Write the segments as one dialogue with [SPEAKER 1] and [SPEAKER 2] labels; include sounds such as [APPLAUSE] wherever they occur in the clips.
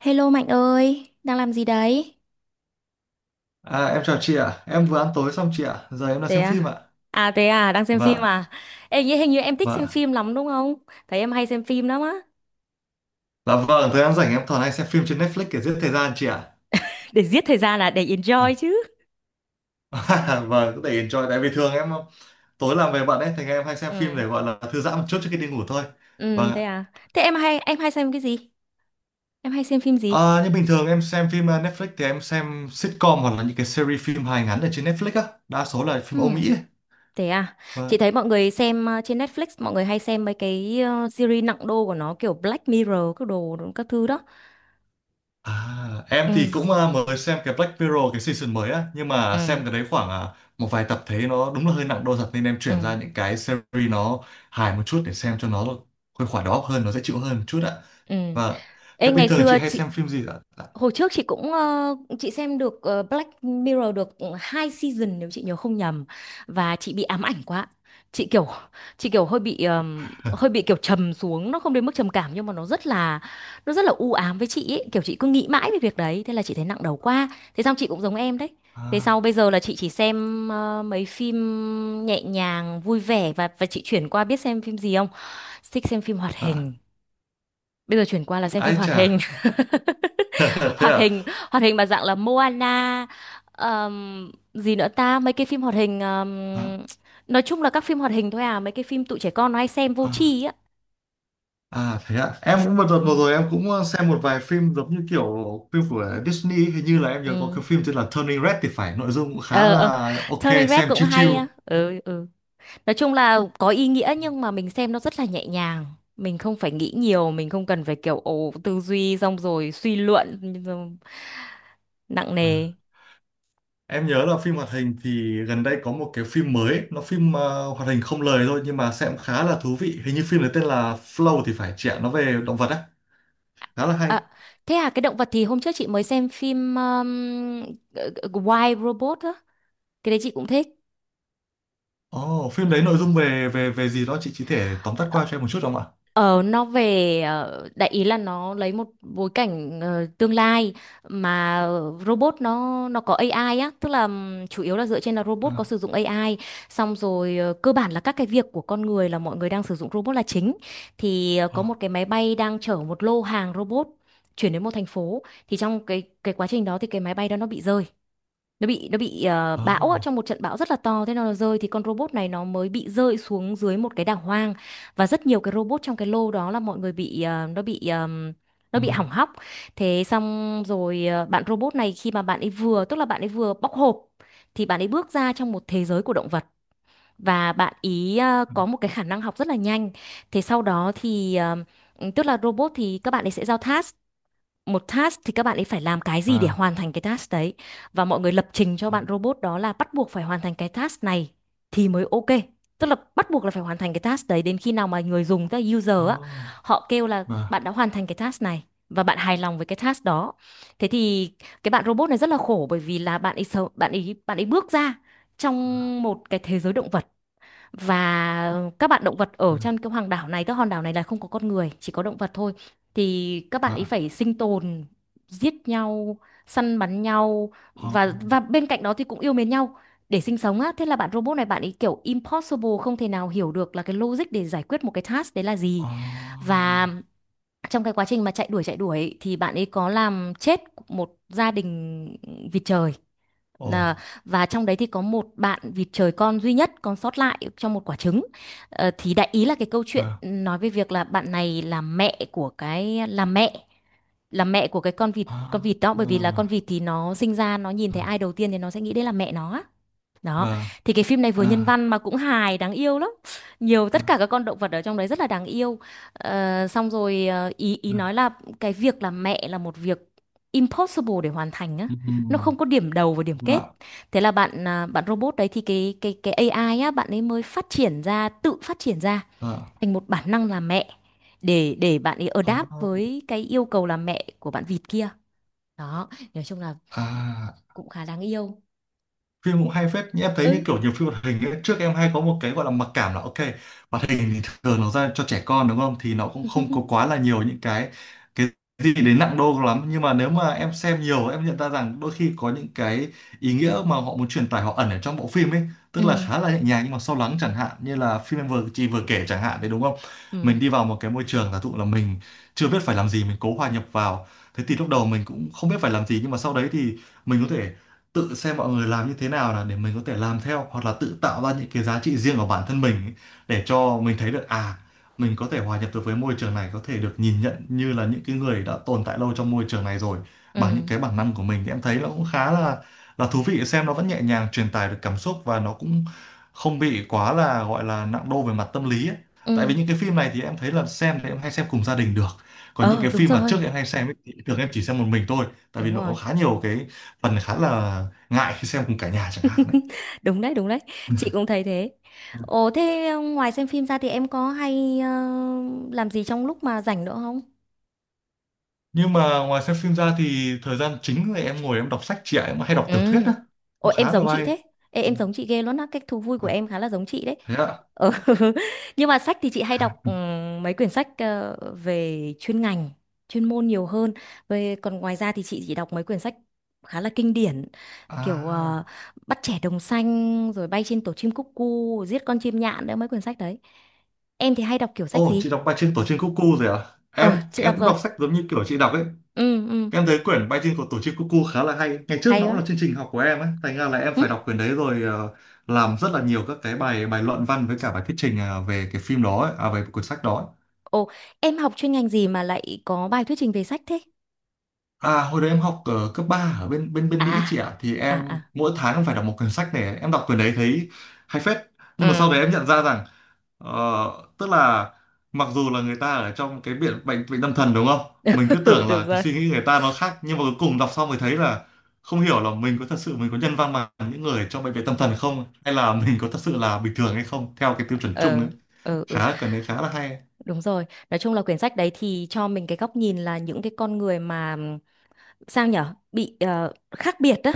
[SPEAKER 1] Hello Mạnh ơi, đang làm gì đấy?
[SPEAKER 2] À, em chào chị ạ. Em vừa ăn tối xong chị ạ. Giờ em đang
[SPEAKER 1] Thế
[SPEAKER 2] xem phim ạ.
[SPEAKER 1] à? Thế à, đang xem phim
[SPEAKER 2] Vâng,
[SPEAKER 1] à? Ê, nghĩ hình như em thích xem
[SPEAKER 2] vâng.
[SPEAKER 1] phim lắm đúng không? Thấy em hay xem phim lắm á.
[SPEAKER 2] Dạ vâng, thời gian rảnh em thường hay xem phim trên Netflix để giết thời gian chị ạ.
[SPEAKER 1] Để giết thời gian là để enjoy chứ.
[SPEAKER 2] [LAUGHS] Vâng, có thể enjoy. Tại vì thường em tối làm về bận ấy, thì em hay xem phim
[SPEAKER 1] Ừ.
[SPEAKER 2] để gọi là thư giãn một chút trước khi đi ngủ thôi.
[SPEAKER 1] Ừ
[SPEAKER 2] Vâng
[SPEAKER 1] thế
[SPEAKER 2] ạ.
[SPEAKER 1] à. Thế em hay xem cái gì? Em hay xem phim gì?
[SPEAKER 2] À, nhưng bình thường em xem phim Netflix thì em xem sitcom hoặc là những cái series phim hài ngắn ở trên Netflix á. Đa số là
[SPEAKER 1] Ừ.
[SPEAKER 2] phim Âu Mỹ ấy.
[SPEAKER 1] Thế à. Chị
[SPEAKER 2] Vâng.
[SPEAKER 1] thấy mọi người xem trên Netflix mọi người hay xem mấy cái series nặng đô của nó kiểu Black Mirror các đồ các thứ đó.
[SPEAKER 2] À, em thì
[SPEAKER 1] Ừ.
[SPEAKER 2] cũng mới xem cái Black Mirror cái season mới á nhưng mà xem
[SPEAKER 1] Ừ.
[SPEAKER 2] cái đấy khoảng một vài tập thấy nó đúng là hơi nặng đô thật nên em chuyển
[SPEAKER 1] Ừ.
[SPEAKER 2] ra những cái series nó hài một chút để xem cho nó khuây khỏa đầu óc hơn nó dễ chịu hơn một chút ạ.
[SPEAKER 1] Ừ.
[SPEAKER 2] Và
[SPEAKER 1] Ê
[SPEAKER 2] thế bình
[SPEAKER 1] ngày
[SPEAKER 2] thường chị
[SPEAKER 1] xưa
[SPEAKER 2] hay
[SPEAKER 1] chị
[SPEAKER 2] xem phim gì ạ?
[SPEAKER 1] Hồi trước chị cũng chị xem được Black Mirror được hai season nếu chị nhớ không nhầm và chị bị ám ảnh quá. Chị kiểu chị kiểu hơi bị kiểu trầm xuống, nó không đến mức trầm cảm nhưng mà nó rất là u ám với chị ấy, kiểu chị cứ nghĩ mãi về việc đấy, thế là chị thấy nặng đầu quá. Thế xong chị cũng giống em đấy. Về sau bây
[SPEAKER 2] À,
[SPEAKER 1] giờ là chị chỉ xem mấy phim nhẹ nhàng, vui vẻ và chị chuyển qua biết xem phim gì không? Thích xem phim hoạt
[SPEAKER 2] à,
[SPEAKER 1] hình. Bây giờ chuyển qua là xem phim
[SPEAKER 2] ai
[SPEAKER 1] hoạt
[SPEAKER 2] chà.
[SPEAKER 1] hình. [LAUGHS]
[SPEAKER 2] [LAUGHS] Thế
[SPEAKER 1] Hoạt
[SPEAKER 2] à?
[SPEAKER 1] hình, hoạt hình mà dạng là Moana, gì nữa ta, mấy cái phim hoạt hình
[SPEAKER 2] À,
[SPEAKER 1] nói chung là các phim hoạt hình thôi à, mấy cái phim tụi trẻ con nó hay xem vô
[SPEAKER 2] à.
[SPEAKER 1] tri á.
[SPEAKER 2] À, thế ạ, em cũng một đợt vừa
[SPEAKER 1] Ừ.
[SPEAKER 2] rồi em cũng xem một vài phim giống như kiểu phim của Disney, hình như là em nhớ có
[SPEAKER 1] Ừ.
[SPEAKER 2] cái phim tên là Turning Red thì phải, nội dung cũng khá
[SPEAKER 1] Ờ ờ,
[SPEAKER 2] là ok,
[SPEAKER 1] Turning Red
[SPEAKER 2] xem
[SPEAKER 1] cũng
[SPEAKER 2] chill chill.
[SPEAKER 1] hay á. Ừ ừ. Nói chung là có ý nghĩa nhưng mà mình xem nó rất là nhẹ nhàng. Mình không phải nghĩ nhiều, mình không cần phải kiểu ồ tư duy xong rồi suy luận nặng
[SPEAKER 2] Ờ.
[SPEAKER 1] nề.
[SPEAKER 2] Em nhớ là phim hoạt hình thì gần đây có một cái phim mới, nó phim hoạt hình không lời thôi nhưng mà xem khá là thú vị. Hình như phim đấy tên là Flow thì phải chị ạ, nó về động vật á, khá là hay.
[SPEAKER 1] À, thế à cái động vật thì hôm trước chị mới xem phim ờ, Wild Robot á. Cái đấy chị cũng thích.
[SPEAKER 2] Ồ, phim đấy nội dung về về về gì đó chị chỉ thể tóm tắt qua cho em một chút được không ạ?
[SPEAKER 1] Ờ, nó về đại ý là nó lấy một bối cảnh tương lai mà robot nó có AI á, tức là chủ yếu là dựa trên là robot có
[SPEAKER 2] À,
[SPEAKER 1] sử dụng AI, xong rồi cơ bản là các cái việc của con người là mọi người đang sử dụng robot là chính. Thì có một
[SPEAKER 2] à,
[SPEAKER 1] cái máy bay đang chở một lô hàng robot chuyển đến một thành phố thì trong cái quá trình đó thì cái máy bay đó nó bị rơi nó bị bão ạ,
[SPEAKER 2] à,
[SPEAKER 1] trong một trận bão rất là to thế nó rơi thì con robot này nó mới bị rơi xuống dưới một cái đảo hoang và rất nhiều cái robot trong cái lô đó là mọi người bị nó bị nó
[SPEAKER 2] ừ,
[SPEAKER 1] bị hỏng hóc thế xong rồi bạn robot này khi mà bạn ấy vừa tức là bạn ấy vừa bóc hộp thì bạn ấy bước ra trong một thế giới của động vật và bạn ý có một cái khả năng học rất là nhanh thế sau đó thì tức là robot thì các bạn ấy sẽ giao task một task thì các bạn ấy phải làm cái gì để
[SPEAKER 2] và,
[SPEAKER 1] hoàn thành cái task đấy và mọi người lập trình cho
[SPEAKER 2] à,
[SPEAKER 1] bạn robot đó là bắt buộc phải hoàn thành cái task này thì mới ok tức là bắt buộc là phải hoàn thành cái task đấy đến khi nào mà người dùng tức là user á
[SPEAKER 2] à,
[SPEAKER 1] họ kêu là
[SPEAKER 2] và,
[SPEAKER 1] bạn đã hoàn thành cái task này và bạn hài lòng với cái task đó thế thì cái bạn robot này rất là khổ bởi vì là bạn ấy bước ra trong một cái thế giới động vật và các bạn động vật ở
[SPEAKER 2] và,
[SPEAKER 1] trên cái hoàng đảo này các hòn đảo này là không có con người chỉ có động vật thôi thì các bạn ấy
[SPEAKER 2] à,
[SPEAKER 1] phải sinh tồn giết nhau săn bắn nhau
[SPEAKER 2] à,
[SPEAKER 1] và bên cạnh đó thì cũng yêu mến nhau để sinh sống á thế là bạn robot này bạn ấy kiểu impossible không thể nào hiểu được là cái logic để giải quyết một cái task đấy là gì
[SPEAKER 2] à,
[SPEAKER 1] và trong cái quá trình mà chạy đuổi thì bạn ấy có làm chết một gia đình vịt trời.
[SPEAKER 2] ồ,
[SPEAKER 1] À, và trong đấy thì có một bạn vịt trời con duy nhất còn sót lại trong một quả trứng. Ờ, thì đại ý là cái câu chuyện
[SPEAKER 2] và,
[SPEAKER 1] nói về việc là bạn này là mẹ của cái là mẹ của cái con
[SPEAKER 2] à,
[SPEAKER 1] vịt đó bởi vì là con vịt thì nó sinh ra nó nhìn thấy ai đầu tiên thì nó sẽ nghĩ đấy là mẹ nó á. Đó,
[SPEAKER 2] và,
[SPEAKER 1] thì cái phim này vừa nhân
[SPEAKER 2] à,
[SPEAKER 1] văn mà cũng hài, đáng yêu lắm. Nhiều
[SPEAKER 2] và,
[SPEAKER 1] tất cả các con động vật ở trong đấy rất là đáng yêu. Ờ, xong rồi ý ý nói là cái việc làm mẹ là một việc impossible để hoàn thành á.
[SPEAKER 2] ừ, ừ,
[SPEAKER 1] Nó không có điểm đầu và điểm kết.
[SPEAKER 2] và,
[SPEAKER 1] Thế là bạn robot đấy thì cái AI á bạn ấy mới phát triển ra, tự phát triển ra
[SPEAKER 2] à, à.
[SPEAKER 1] thành một bản năng làm mẹ để bạn ấy adapt
[SPEAKER 2] À,
[SPEAKER 1] với cái yêu cầu làm mẹ của bạn vịt kia. Đó, nói chung là
[SPEAKER 2] à,
[SPEAKER 1] cũng khá đáng yêu.
[SPEAKER 2] phim cũng hay phết nhưng em thấy như
[SPEAKER 1] Ừ.
[SPEAKER 2] kiểu nhiều phim hoạt hình ấy, trước em hay có một cái gọi là mặc cảm là ok, hoạt hình thì thường nó ra cho trẻ con đúng không, thì nó cũng không có quá
[SPEAKER 1] [LAUGHS]
[SPEAKER 2] là nhiều những cái gì đến nặng đô lắm, nhưng mà nếu mà em xem nhiều em nhận ra rằng đôi khi có những cái ý nghĩa mà họ muốn truyền tải họ ẩn ở trong bộ phim ấy,
[SPEAKER 1] Ừ.
[SPEAKER 2] tức là khá là nhẹ nhàng nhưng mà sâu lắng, chẳng hạn như là phim em vừa chị vừa kể chẳng hạn đấy đúng không.
[SPEAKER 1] Ừ.
[SPEAKER 2] Mình đi vào một cái môi trường giả dụ là mình chưa biết phải làm gì mình cố hòa nhập vào, thế thì lúc đầu mình cũng không biết phải làm gì nhưng mà sau đấy thì mình có thể tự xem mọi người làm như thế nào là để mình có thể làm theo hoặc là tự tạo ra những cái giá trị riêng của bản thân mình ấy, để cho mình thấy được à mình có thể hòa nhập được với môi trường này, có thể được nhìn nhận như là những cái người đã tồn tại lâu trong môi trường này rồi bằng những
[SPEAKER 1] Ừ
[SPEAKER 2] cái bản năng của mình, thì em thấy nó cũng khá là thú vị, xem nó vẫn nhẹ nhàng truyền tải được cảm xúc và nó cũng không bị quá là gọi là nặng đô về mặt tâm lý ấy. Tại
[SPEAKER 1] ừ.
[SPEAKER 2] vì những cái phim này thì em thấy là xem thì em hay xem cùng gia đình được, còn những
[SPEAKER 1] Ờ,
[SPEAKER 2] cái
[SPEAKER 1] đúng
[SPEAKER 2] phim mà trước
[SPEAKER 1] rồi.
[SPEAKER 2] em hay xem ấy, thì thường em chỉ xem một mình thôi tại vì
[SPEAKER 1] Đúng
[SPEAKER 2] nó có
[SPEAKER 1] rồi.
[SPEAKER 2] khá nhiều cái phần khá là ngại khi xem cùng cả nhà chẳng hạn đấy.
[SPEAKER 1] [LAUGHS] Đúng đấy, đúng đấy. Chị cũng thấy thế. Ồ
[SPEAKER 2] [LAUGHS]
[SPEAKER 1] thế ngoài xem phim ra thì em có hay làm gì trong lúc mà rảnh nữa không?
[SPEAKER 2] Nhưng mà ngoài xem phim ra thì thời gian chính là em ngồi em đọc sách chị ạ, em hay đọc
[SPEAKER 1] Ừ.
[SPEAKER 2] tiểu thuyết á, cũng
[SPEAKER 1] Ôi em
[SPEAKER 2] khá
[SPEAKER 1] giống
[SPEAKER 2] là
[SPEAKER 1] chị
[SPEAKER 2] hay.
[SPEAKER 1] thế. Ê,
[SPEAKER 2] Ừ.
[SPEAKER 1] em giống chị ghê luôn á, cách thú vui của
[SPEAKER 2] À,
[SPEAKER 1] em khá là giống chị đấy.
[SPEAKER 2] thế ạ.
[SPEAKER 1] Ờ, [LAUGHS] nhưng mà sách thì chị hay đọc mấy quyển sách về chuyên ngành, chuyên môn nhiều hơn. Về còn ngoài ra thì chị chỉ đọc mấy quyển sách khá là kinh điển kiểu
[SPEAKER 2] À,
[SPEAKER 1] Bắt trẻ đồng xanh rồi bay trên tổ chim cúc cu, giết con chim nhạn đấy mấy quyển sách đấy. Em thì hay đọc kiểu sách
[SPEAKER 2] ô chị
[SPEAKER 1] gì?
[SPEAKER 2] đọc bài trên tổ chim cuckoo rồi à,
[SPEAKER 1] Ờ, chị
[SPEAKER 2] em
[SPEAKER 1] đọc
[SPEAKER 2] cũng
[SPEAKER 1] rồi.
[SPEAKER 2] đọc sách giống như kiểu chị đọc ấy,
[SPEAKER 1] Ừ ừ,
[SPEAKER 2] em thấy quyển bài trên của tổ chim cuckoo khá là hay, ngày trước
[SPEAKER 1] hay
[SPEAKER 2] nó cũng là
[SPEAKER 1] quá.
[SPEAKER 2] chương trình học của em ấy thành ra là em
[SPEAKER 1] Ừ.
[SPEAKER 2] phải đọc quyển đấy rồi, làm rất là nhiều các cái bài bài luận văn với cả bài thuyết trình về cái phim đó ấy, à về cuốn sách đó ấy.
[SPEAKER 1] Ồ, em học chuyên ngành gì mà lại có bài thuyết trình về sách thế?
[SPEAKER 2] À, hồi đấy em học ở cấp 3 ở bên bên bên
[SPEAKER 1] À,
[SPEAKER 2] Mỹ chị ạ, thì
[SPEAKER 1] à
[SPEAKER 2] em
[SPEAKER 1] à.
[SPEAKER 2] mỗi tháng em phải đọc một quyển sách này, em đọc quyển đấy thấy hay phết, nhưng mà sau
[SPEAKER 1] Ừ.
[SPEAKER 2] đấy em nhận ra rằng tức là mặc dù là người ta ở trong cái bệnh bệnh bệnh tâm thần đúng không, mình cứ
[SPEAKER 1] [LAUGHS]
[SPEAKER 2] tưởng
[SPEAKER 1] Được
[SPEAKER 2] là cái
[SPEAKER 1] rồi.
[SPEAKER 2] suy nghĩ người ta nó khác nhưng mà cuối cùng đọc xong mới thấy là không hiểu là mình có thật sự mình có nhân văn bằng những người trong bệnh viện tâm thần không, hay là mình có thật sự là bình thường hay không theo cái tiêu chuẩn chung ấy.
[SPEAKER 1] Ừ ừ. Ừ.
[SPEAKER 2] Khá cần đấy, khá là hay.
[SPEAKER 1] Đúng rồi, nói chung là quyển sách đấy thì cho mình cái góc nhìn là những cái con người mà sao nhở bị khác biệt đó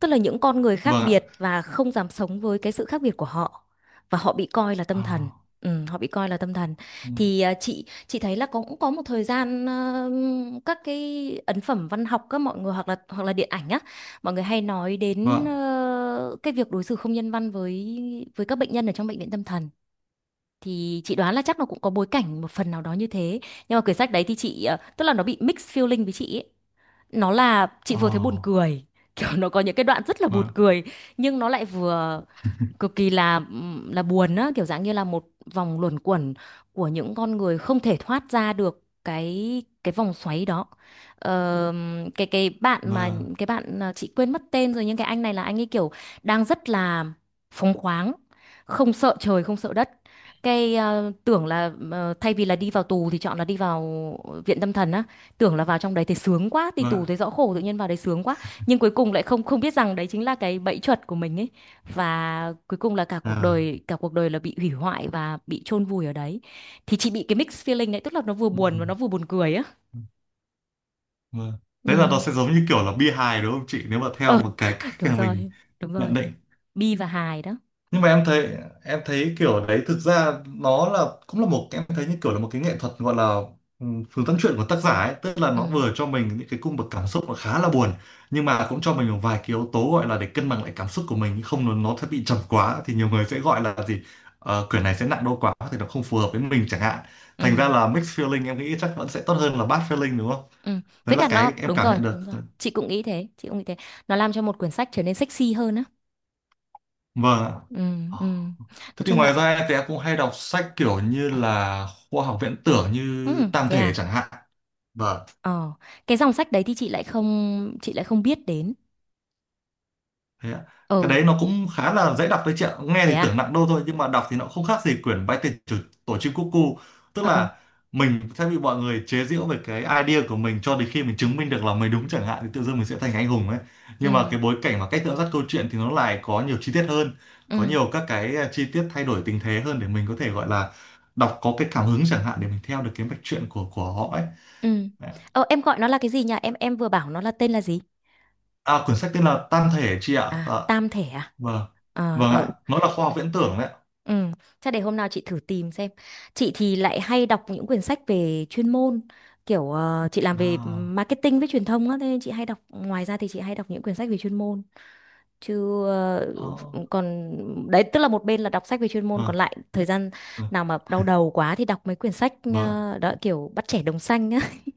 [SPEAKER 1] tức là những con người khác
[SPEAKER 2] Vâng ạ.
[SPEAKER 1] biệt và không dám sống với cái sự khác biệt của họ và họ bị coi là
[SPEAKER 2] Ờ,
[SPEAKER 1] tâm thần. Ừ, họ bị coi là tâm thần thì chị thấy là cũng có một thời gian các cái ấn phẩm văn học các mọi người hoặc là điện ảnh á mọi người hay nói đến
[SPEAKER 2] vâng.
[SPEAKER 1] cái việc đối xử không nhân văn với các bệnh nhân ở trong bệnh viện tâm thần thì chị đoán là chắc nó cũng có bối cảnh một phần nào đó như thế nhưng mà quyển sách đấy thì chị tức là nó bị mixed feeling với chị ấy nó là chị
[SPEAKER 2] Ờ,
[SPEAKER 1] vừa thấy buồn cười kiểu nó có những cái đoạn rất là buồn
[SPEAKER 2] vâng,
[SPEAKER 1] cười nhưng nó lại vừa cực kỳ là buồn á kiểu dạng như là một vòng luẩn quẩn của những con người không thể thoát ra được cái vòng xoáy đó. Ờ, cái cái bạn mà
[SPEAKER 2] vâng,
[SPEAKER 1] chị quên mất tên rồi nhưng cái anh này là anh ấy kiểu đang rất là phóng khoáng không sợ trời không sợ đất cái à, tưởng là thay vì là đi vào tù thì chọn là đi vào viện tâm thần á tưởng là vào trong đấy thì sướng quá đi
[SPEAKER 2] vâng ạ,
[SPEAKER 1] tù thấy rõ khổ tự nhiên vào đấy sướng quá nhưng cuối cùng lại không không biết rằng đấy chính là cái bẫy chuột của mình ấy và cuối cùng là
[SPEAKER 2] à,
[SPEAKER 1] cả cuộc đời là bị hủy hoại và bị chôn vùi ở đấy thì chị bị cái mixed feeling đấy tức là nó vừa
[SPEAKER 2] ừ,
[SPEAKER 1] buồn và nó vừa buồn cười á.
[SPEAKER 2] ừ, vâng. Thế là nó
[SPEAKER 1] Ừ.
[SPEAKER 2] sẽ giống như kiểu là bi hài đúng không chị nếu mà theo
[SPEAKER 1] Ờ,
[SPEAKER 2] một cái
[SPEAKER 1] [LAUGHS]
[SPEAKER 2] cách
[SPEAKER 1] đúng
[SPEAKER 2] mà mình
[SPEAKER 1] rồi, đúng
[SPEAKER 2] nhận
[SPEAKER 1] rồi.
[SPEAKER 2] định.
[SPEAKER 1] Bi và hài đó.
[SPEAKER 2] Nhưng mà em thấy, kiểu đấy thực ra nó là cũng là một, em thấy như kiểu là một cái nghệ thuật gọi là ừ, phương tâm chuyện của tác giả ấy, tức là
[SPEAKER 1] Ừ
[SPEAKER 2] nó vừa cho mình những cái cung bậc cảm xúc nó khá là buồn nhưng mà cũng cho mình một vài cái yếu tố gọi là để cân bằng lại cảm xúc của mình, không nó nó sẽ bị trầm quá thì nhiều người sẽ gọi là gì. Ờ, quyển này sẽ nặng đô quá thì nó không phù hợp với mình chẳng hạn,
[SPEAKER 1] ừ
[SPEAKER 2] thành ra là mixed feeling em nghĩ chắc vẫn sẽ tốt hơn là bad feeling đúng không,
[SPEAKER 1] ừ,
[SPEAKER 2] đấy
[SPEAKER 1] với
[SPEAKER 2] là
[SPEAKER 1] cả
[SPEAKER 2] cái
[SPEAKER 1] nó
[SPEAKER 2] em
[SPEAKER 1] đúng
[SPEAKER 2] cảm
[SPEAKER 1] rồi,
[SPEAKER 2] nhận được.
[SPEAKER 1] đúng rồi, chị cũng nghĩ thế, nó làm cho một quyển sách trở nên sexy hơn á.
[SPEAKER 2] Vâng ạ.
[SPEAKER 1] Ừ ừ. Nói
[SPEAKER 2] Thế thì
[SPEAKER 1] chung
[SPEAKER 2] ngoài
[SPEAKER 1] là,
[SPEAKER 2] ra thì em cũng hay đọc sách kiểu như là khoa học viễn tưởng như
[SPEAKER 1] ừ,
[SPEAKER 2] Tam
[SPEAKER 1] thế
[SPEAKER 2] Thể
[SPEAKER 1] à.
[SPEAKER 2] chẳng hạn. Vâng.
[SPEAKER 1] Ờ, cái dòng sách đấy thì chị lại không biết đến.
[SPEAKER 2] Thế ạ. Cái
[SPEAKER 1] Ờ,
[SPEAKER 2] đấy nó cũng khá là dễ đọc đấy chị ạ. Nghe
[SPEAKER 1] thế
[SPEAKER 2] thì tưởng
[SPEAKER 1] à.
[SPEAKER 2] nặng đô thôi nhưng mà đọc thì nó không khác gì quyển Bách tiền chủ tổ chim cúc cu. Tức
[SPEAKER 1] Ờ
[SPEAKER 2] là mình sẽ bị mọi người chế giễu về cái idea của mình cho đến khi mình chứng minh được là mình đúng chẳng hạn, thì tự dưng mình sẽ thành anh hùng ấy. Nhưng mà
[SPEAKER 1] ừ
[SPEAKER 2] cái bối cảnh và cách dẫn dắt câu chuyện thì nó lại có nhiều chi tiết hơn, có
[SPEAKER 1] ừ.
[SPEAKER 2] nhiều các cái chi tiết thay đổi tình thế hơn để mình có thể gọi là đọc có cái cảm hứng chẳng hạn để mình theo được cái mạch truyện của họ ấy.
[SPEAKER 1] Ừ.
[SPEAKER 2] Đấy.
[SPEAKER 1] Ờ, em gọi nó là cái gì nhỉ? Em vừa bảo nó là tên là gì?
[SPEAKER 2] À, quyển sách tên là Tam Thể chị ạ. Dạ.
[SPEAKER 1] À, tam thể à?
[SPEAKER 2] Vâng.
[SPEAKER 1] Ờ,
[SPEAKER 2] Vâng
[SPEAKER 1] ờ,
[SPEAKER 2] ạ. Nó là khoa học viễn tưởng đấy ạ.
[SPEAKER 1] ừ. Chắc để hôm nào chị thử tìm xem. Chị thì lại hay đọc những quyển sách về chuyên môn, kiểu chị làm về
[SPEAKER 2] À.
[SPEAKER 1] marketing với truyền thông á, thế nên chị hay đọc. Ngoài ra thì chị hay đọc những quyển sách về chuyên môn. Chứ
[SPEAKER 2] Ờ,
[SPEAKER 1] còn đấy tức là một bên là đọc sách về chuyên môn, còn
[SPEAKER 2] ờ,
[SPEAKER 1] lại thời gian
[SPEAKER 2] ờ,
[SPEAKER 1] nào mà đau đầu quá thì đọc mấy quyển sách
[SPEAKER 2] vâng.
[SPEAKER 1] đó kiểu bắt trẻ đồng xanh á. [LAUGHS]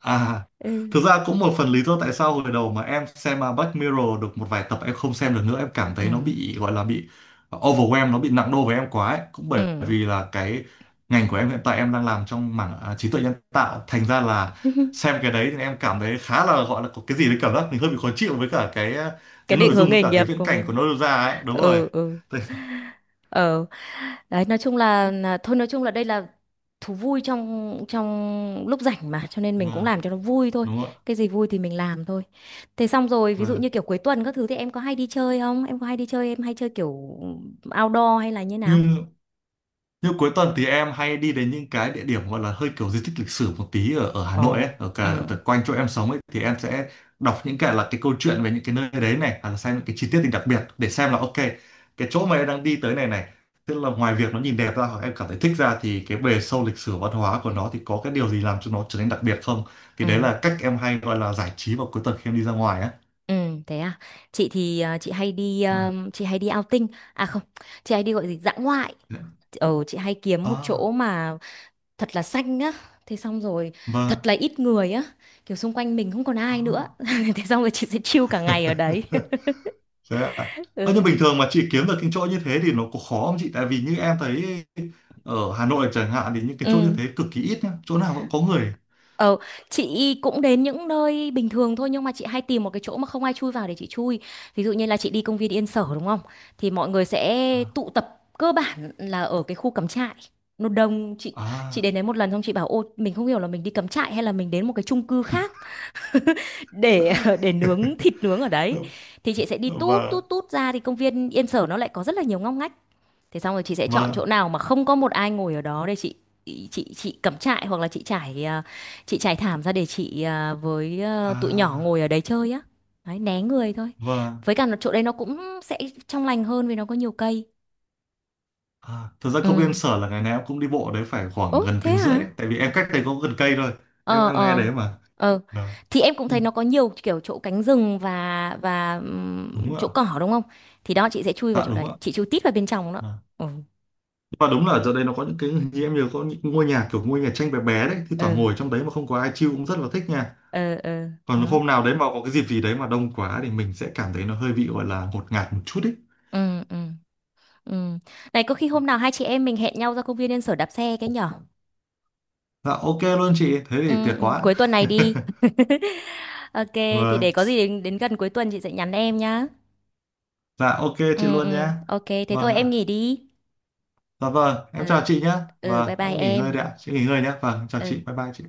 [SPEAKER 2] À,
[SPEAKER 1] Ừ.
[SPEAKER 2] thực ra cũng một phần lý do tại sao hồi đầu mà em xem Black Mirror được một vài tập em không xem được nữa, em cảm
[SPEAKER 1] Ừ.
[SPEAKER 2] thấy nó bị gọi là bị overwhelm, nó bị nặng đô với em quá ấy. Cũng bởi
[SPEAKER 1] Ừ.
[SPEAKER 2] vì là cái ngành của em hiện tại em đang làm trong mảng trí tuệ nhân tạo, thành ra là xem
[SPEAKER 1] [LAUGHS]
[SPEAKER 2] cái đấy thì em cảm thấy khá là gọi là có cái gì đấy cảm giác mình hơi bị khó chịu với cả cái
[SPEAKER 1] Cái
[SPEAKER 2] cái
[SPEAKER 1] định
[SPEAKER 2] nội dung
[SPEAKER 1] hướng
[SPEAKER 2] với
[SPEAKER 1] nghề
[SPEAKER 2] cả cái
[SPEAKER 1] nghiệp
[SPEAKER 2] viễn
[SPEAKER 1] của
[SPEAKER 2] cảnh của
[SPEAKER 1] mình.
[SPEAKER 2] nó đưa ra ấy, đúng rồi.
[SPEAKER 1] Ừ ừ.
[SPEAKER 2] Thế-
[SPEAKER 1] Ờ, đấy nói chung là, đây là thú vui trong trong lúc rảnh mà cho nên mình cũng
[SPEAKER 2] vâng,
[SPEAKER 1] làm cho nó vui thôi,
[SPEAKER 2] đúng rồi.
[SPEAKER 1] cái gì vui thì mình làm thôi. Thế xong rồi ví dụ
[SPEAKER 2] Vâng.
[SPEAKER 1] như kiểu cuối tuần các thứ thì em có hay đi chơi không, em có hay đi chơi em hay chơi kiểu outdoor hay là như nào?
[SPEAKER 2] Như như cuối tuần thì em hay đi đến những cái địa điểm gọi là hơi kiểu di tích lịch sử một tí ở ở Hà Nội
[SPEAKER 1] Ồ.
[SPEAKER 2] ấy, ở cả
[SPEAKER 1] Ừ
[SPEAKER 2] ở quanh chỗ em sống ấy, thì em sẽ đọc những cái là cái câu chuyện về những cái nơi đấy này, hoặc là xem những cái chi tiết thì đặc biệt để xem là ok cái chỗ mà em đang đi tới này này, tức là ngoài việc nó nhìn đẹp ra hoặc em cảm thấy thích ra thì cái bề sâu lịch sử văn hóa của nó thì có cái điều gì làm cho nó trở nên đặc biệt không? Thì đấy
[SPEAKER 1] ừ
[SPEAKER 2] là cách em hay gọi là giải trí vào cuối tuần khi em đi ra ngoài á.
[SPEAKER 1] ừ, thế à. Chị thì chị hay đi outing, à không chị hay đi gọi gì dã ngoại, ờ chị hay kiếm một chỗ
[SPEAKER 2] À,
[SPEAKER 1] mà thật là xanh á thế xong rồi
[SPEAKER 2] vâng.
[SPEAKER 1] thật là ít người á kiểu xung quanh mình không còn ai nữa
[SPEAKER 2] À.
[SPEAKER 1] [LAUGHS] thế xong rồi chị sẽ chill cả ngày ở đấy.
[SPEAKER 2] [LAUGHS] Thế ạ.
[SPEAKER 1] [LAUGHS]
[SPEAKER 2] Ơ, nhưng bình
[SPEAKER 1] Ừ
[SPEAKER 2] thường mà chị kiếm được những chỗ như thế thì nó có khó không chị? Tại vì như em thấy ở Hà Nội chẳng hạn thì những cái chỗ như
[SPEAKER 1] ừ.
[SPEAKER 2] thế cực kỳ ít nhá. Chỗ nào vẫn có người.
[SPEAKER 1] Ờ, chị cũng đến những nơi bình thường thôi nhưng mà chị hay tìm một cái chỗ mà không ai chui vào để chị chui. Ví dụ như là chị đi công viên Yên Sở đúng không? Thì mọi người sẽ
[SPEAKER 2] À,
[SPEAKER 1] tụ tập cơ bản là ở cái khu cắm trại. Nó đông, chị
[SPEAKER 2] à,
[SPEAKER 1] đến đấy một lần xong chị bảo ô mình không hiểu là mình đi cắm trại hay là mình đến một cái chung cư khác để [LAUGHS] để nướng thịt nướng ở đấy
[SPEAKER 2] và,
[SPEAKER 1] thì chị sẽ đi tút tút tút ra thì công viên Yên Sở nó lại có rất là nhiều ngóc ngách thế xong rồi chị sẽ chọn chỗ
[SPEAKER 2] và,
[SPEAKER 1] nào mà không có một ai ngồi ở đó để chị cắm trại hoặc là chị trải thảm ra để với tụi nhỏ
[SPEAKER 2] à,
[SPEAKER 1] ngồi ở đấy chơi á, đấy, né người thôi,
[SPEAKER 2] và,
[SPEAKER 1] với cả là chỗ đấy nó cũng sẽ trong lành hơn vì nó có nhiều cây.
[SPEAKER 2] à. Thật ra
[SPEAKER 1] Ừ,
[SPEAKER 2] công viên Sở là ngày nào em cũng đi bộ đấy phải khoảng
[SPEAKER 1] ố
[SPEAKER 2] gần
[SPEAKER 1] thế
[SPEAKER 2] tiếng rưỡi
[SPEAKER 1] hả.
[SPEAKER 2] đấy. Tại vì em cách đây có gần cây thôi.
[SPEAKER 1] Ờ
[SPEAKER 2] Em nghe
[SPEAKER 1] ờ
[SPEAKER 2] đấy mà.
[SPEAKER 1] ờ,
[SPEAKER 2] Đó.
[SPEAKER 1] thì em cũng
[SPEAKER 2] Ừ,
[SPEAKER 1] thấy nó có nhiều kiểu chỗ cánh rừng và
[SPEAKER 2] đúng ạ.
[SPEAKER 1] chỗ cỏ đúng không thì đó chị sẽ chui vào
[SPEAKER 2] Dạ
[SPEAKER 1] chỗ
[SPEAKER 2] đúng
[SPEAKER 1] đấy
[SPEAKER 2] ạ.
[SPEAKER 1] chị chui tít vào bên trong đó.
[SPEAKER 2] À.
[SPEAKER 1] Ừ
[SPEAKER 2] Và đúng là ở chỗ đây nó có những cái như em nhớ có những ngôi nhà kiểu ngôi nhà tranh bé bé đấy. Thì thoảng
[SPEAKER 1] ừ
[SPEAKER 2] ngồi trong đấy mà không có ai chill cũng rất là thích nha.
[SPEAKER 1] ừ ừ,
[SPEAKER 2] Còn
[SPEAKER 1] đó,
[SPEAKER 2] hôm nào đấy mà có cái dịp gì đấy mà đông quá thì mình sẽ cảm thấy nó hơi bị gọi là ngột ngạt một chút ý.
[SPEAKER 1] ừ ừ ừ, này có khi hôm nào hai chị em mình hẹn nhau ra công viên Yên Sở đạp xe cái nhở.
[SPEAKER 2] Dạ ok luôn chị thế thì
[SPEAKER 1] Ừ,
[SPEAKER 2] tuyệt
[SPEAKER 1] ừ.
[SPEAKER 2] quá.
[SPEAKER 1] Cuối tuần này đi. [LAUGHS] Ok thì để
[SPEAKER 2] Vâng.
[SPEAKER 1] có gì đến, đến gần cuối tuần chị sẽ nhắn em nhá.
[SPEAKER 2] Dạ ok chị
[SPEAKER 1] Ừ
[SPEAKER 2] luôn nhé.
[SPEAKER 1] ừ, ok thế
[SPEAKER 2] Vâng
[SPEAKER 1] thôi em
[SPEAKER 2] ạ.
[SPEAKER 1] nghỉ đi.
[SPEAKER 2] Dạ vâng em
[SPEAKER 1] Ừ
[SPEAKER 2] chào chị nhé.
[SPEAKER 1] ừ, bye
[SPEAKER 2] Vâng
[SPEAKER 1] bye
[SPEAKER 2] em nghỉ ngơi
[SPEAKER 1] em.
[SPEAKER 2] đấy ạ, chị nghỉ ngơi nhé, vâng chào
[SPEAKER 1] Ừ.
[SPEAKER 2] chị, bye bye chị.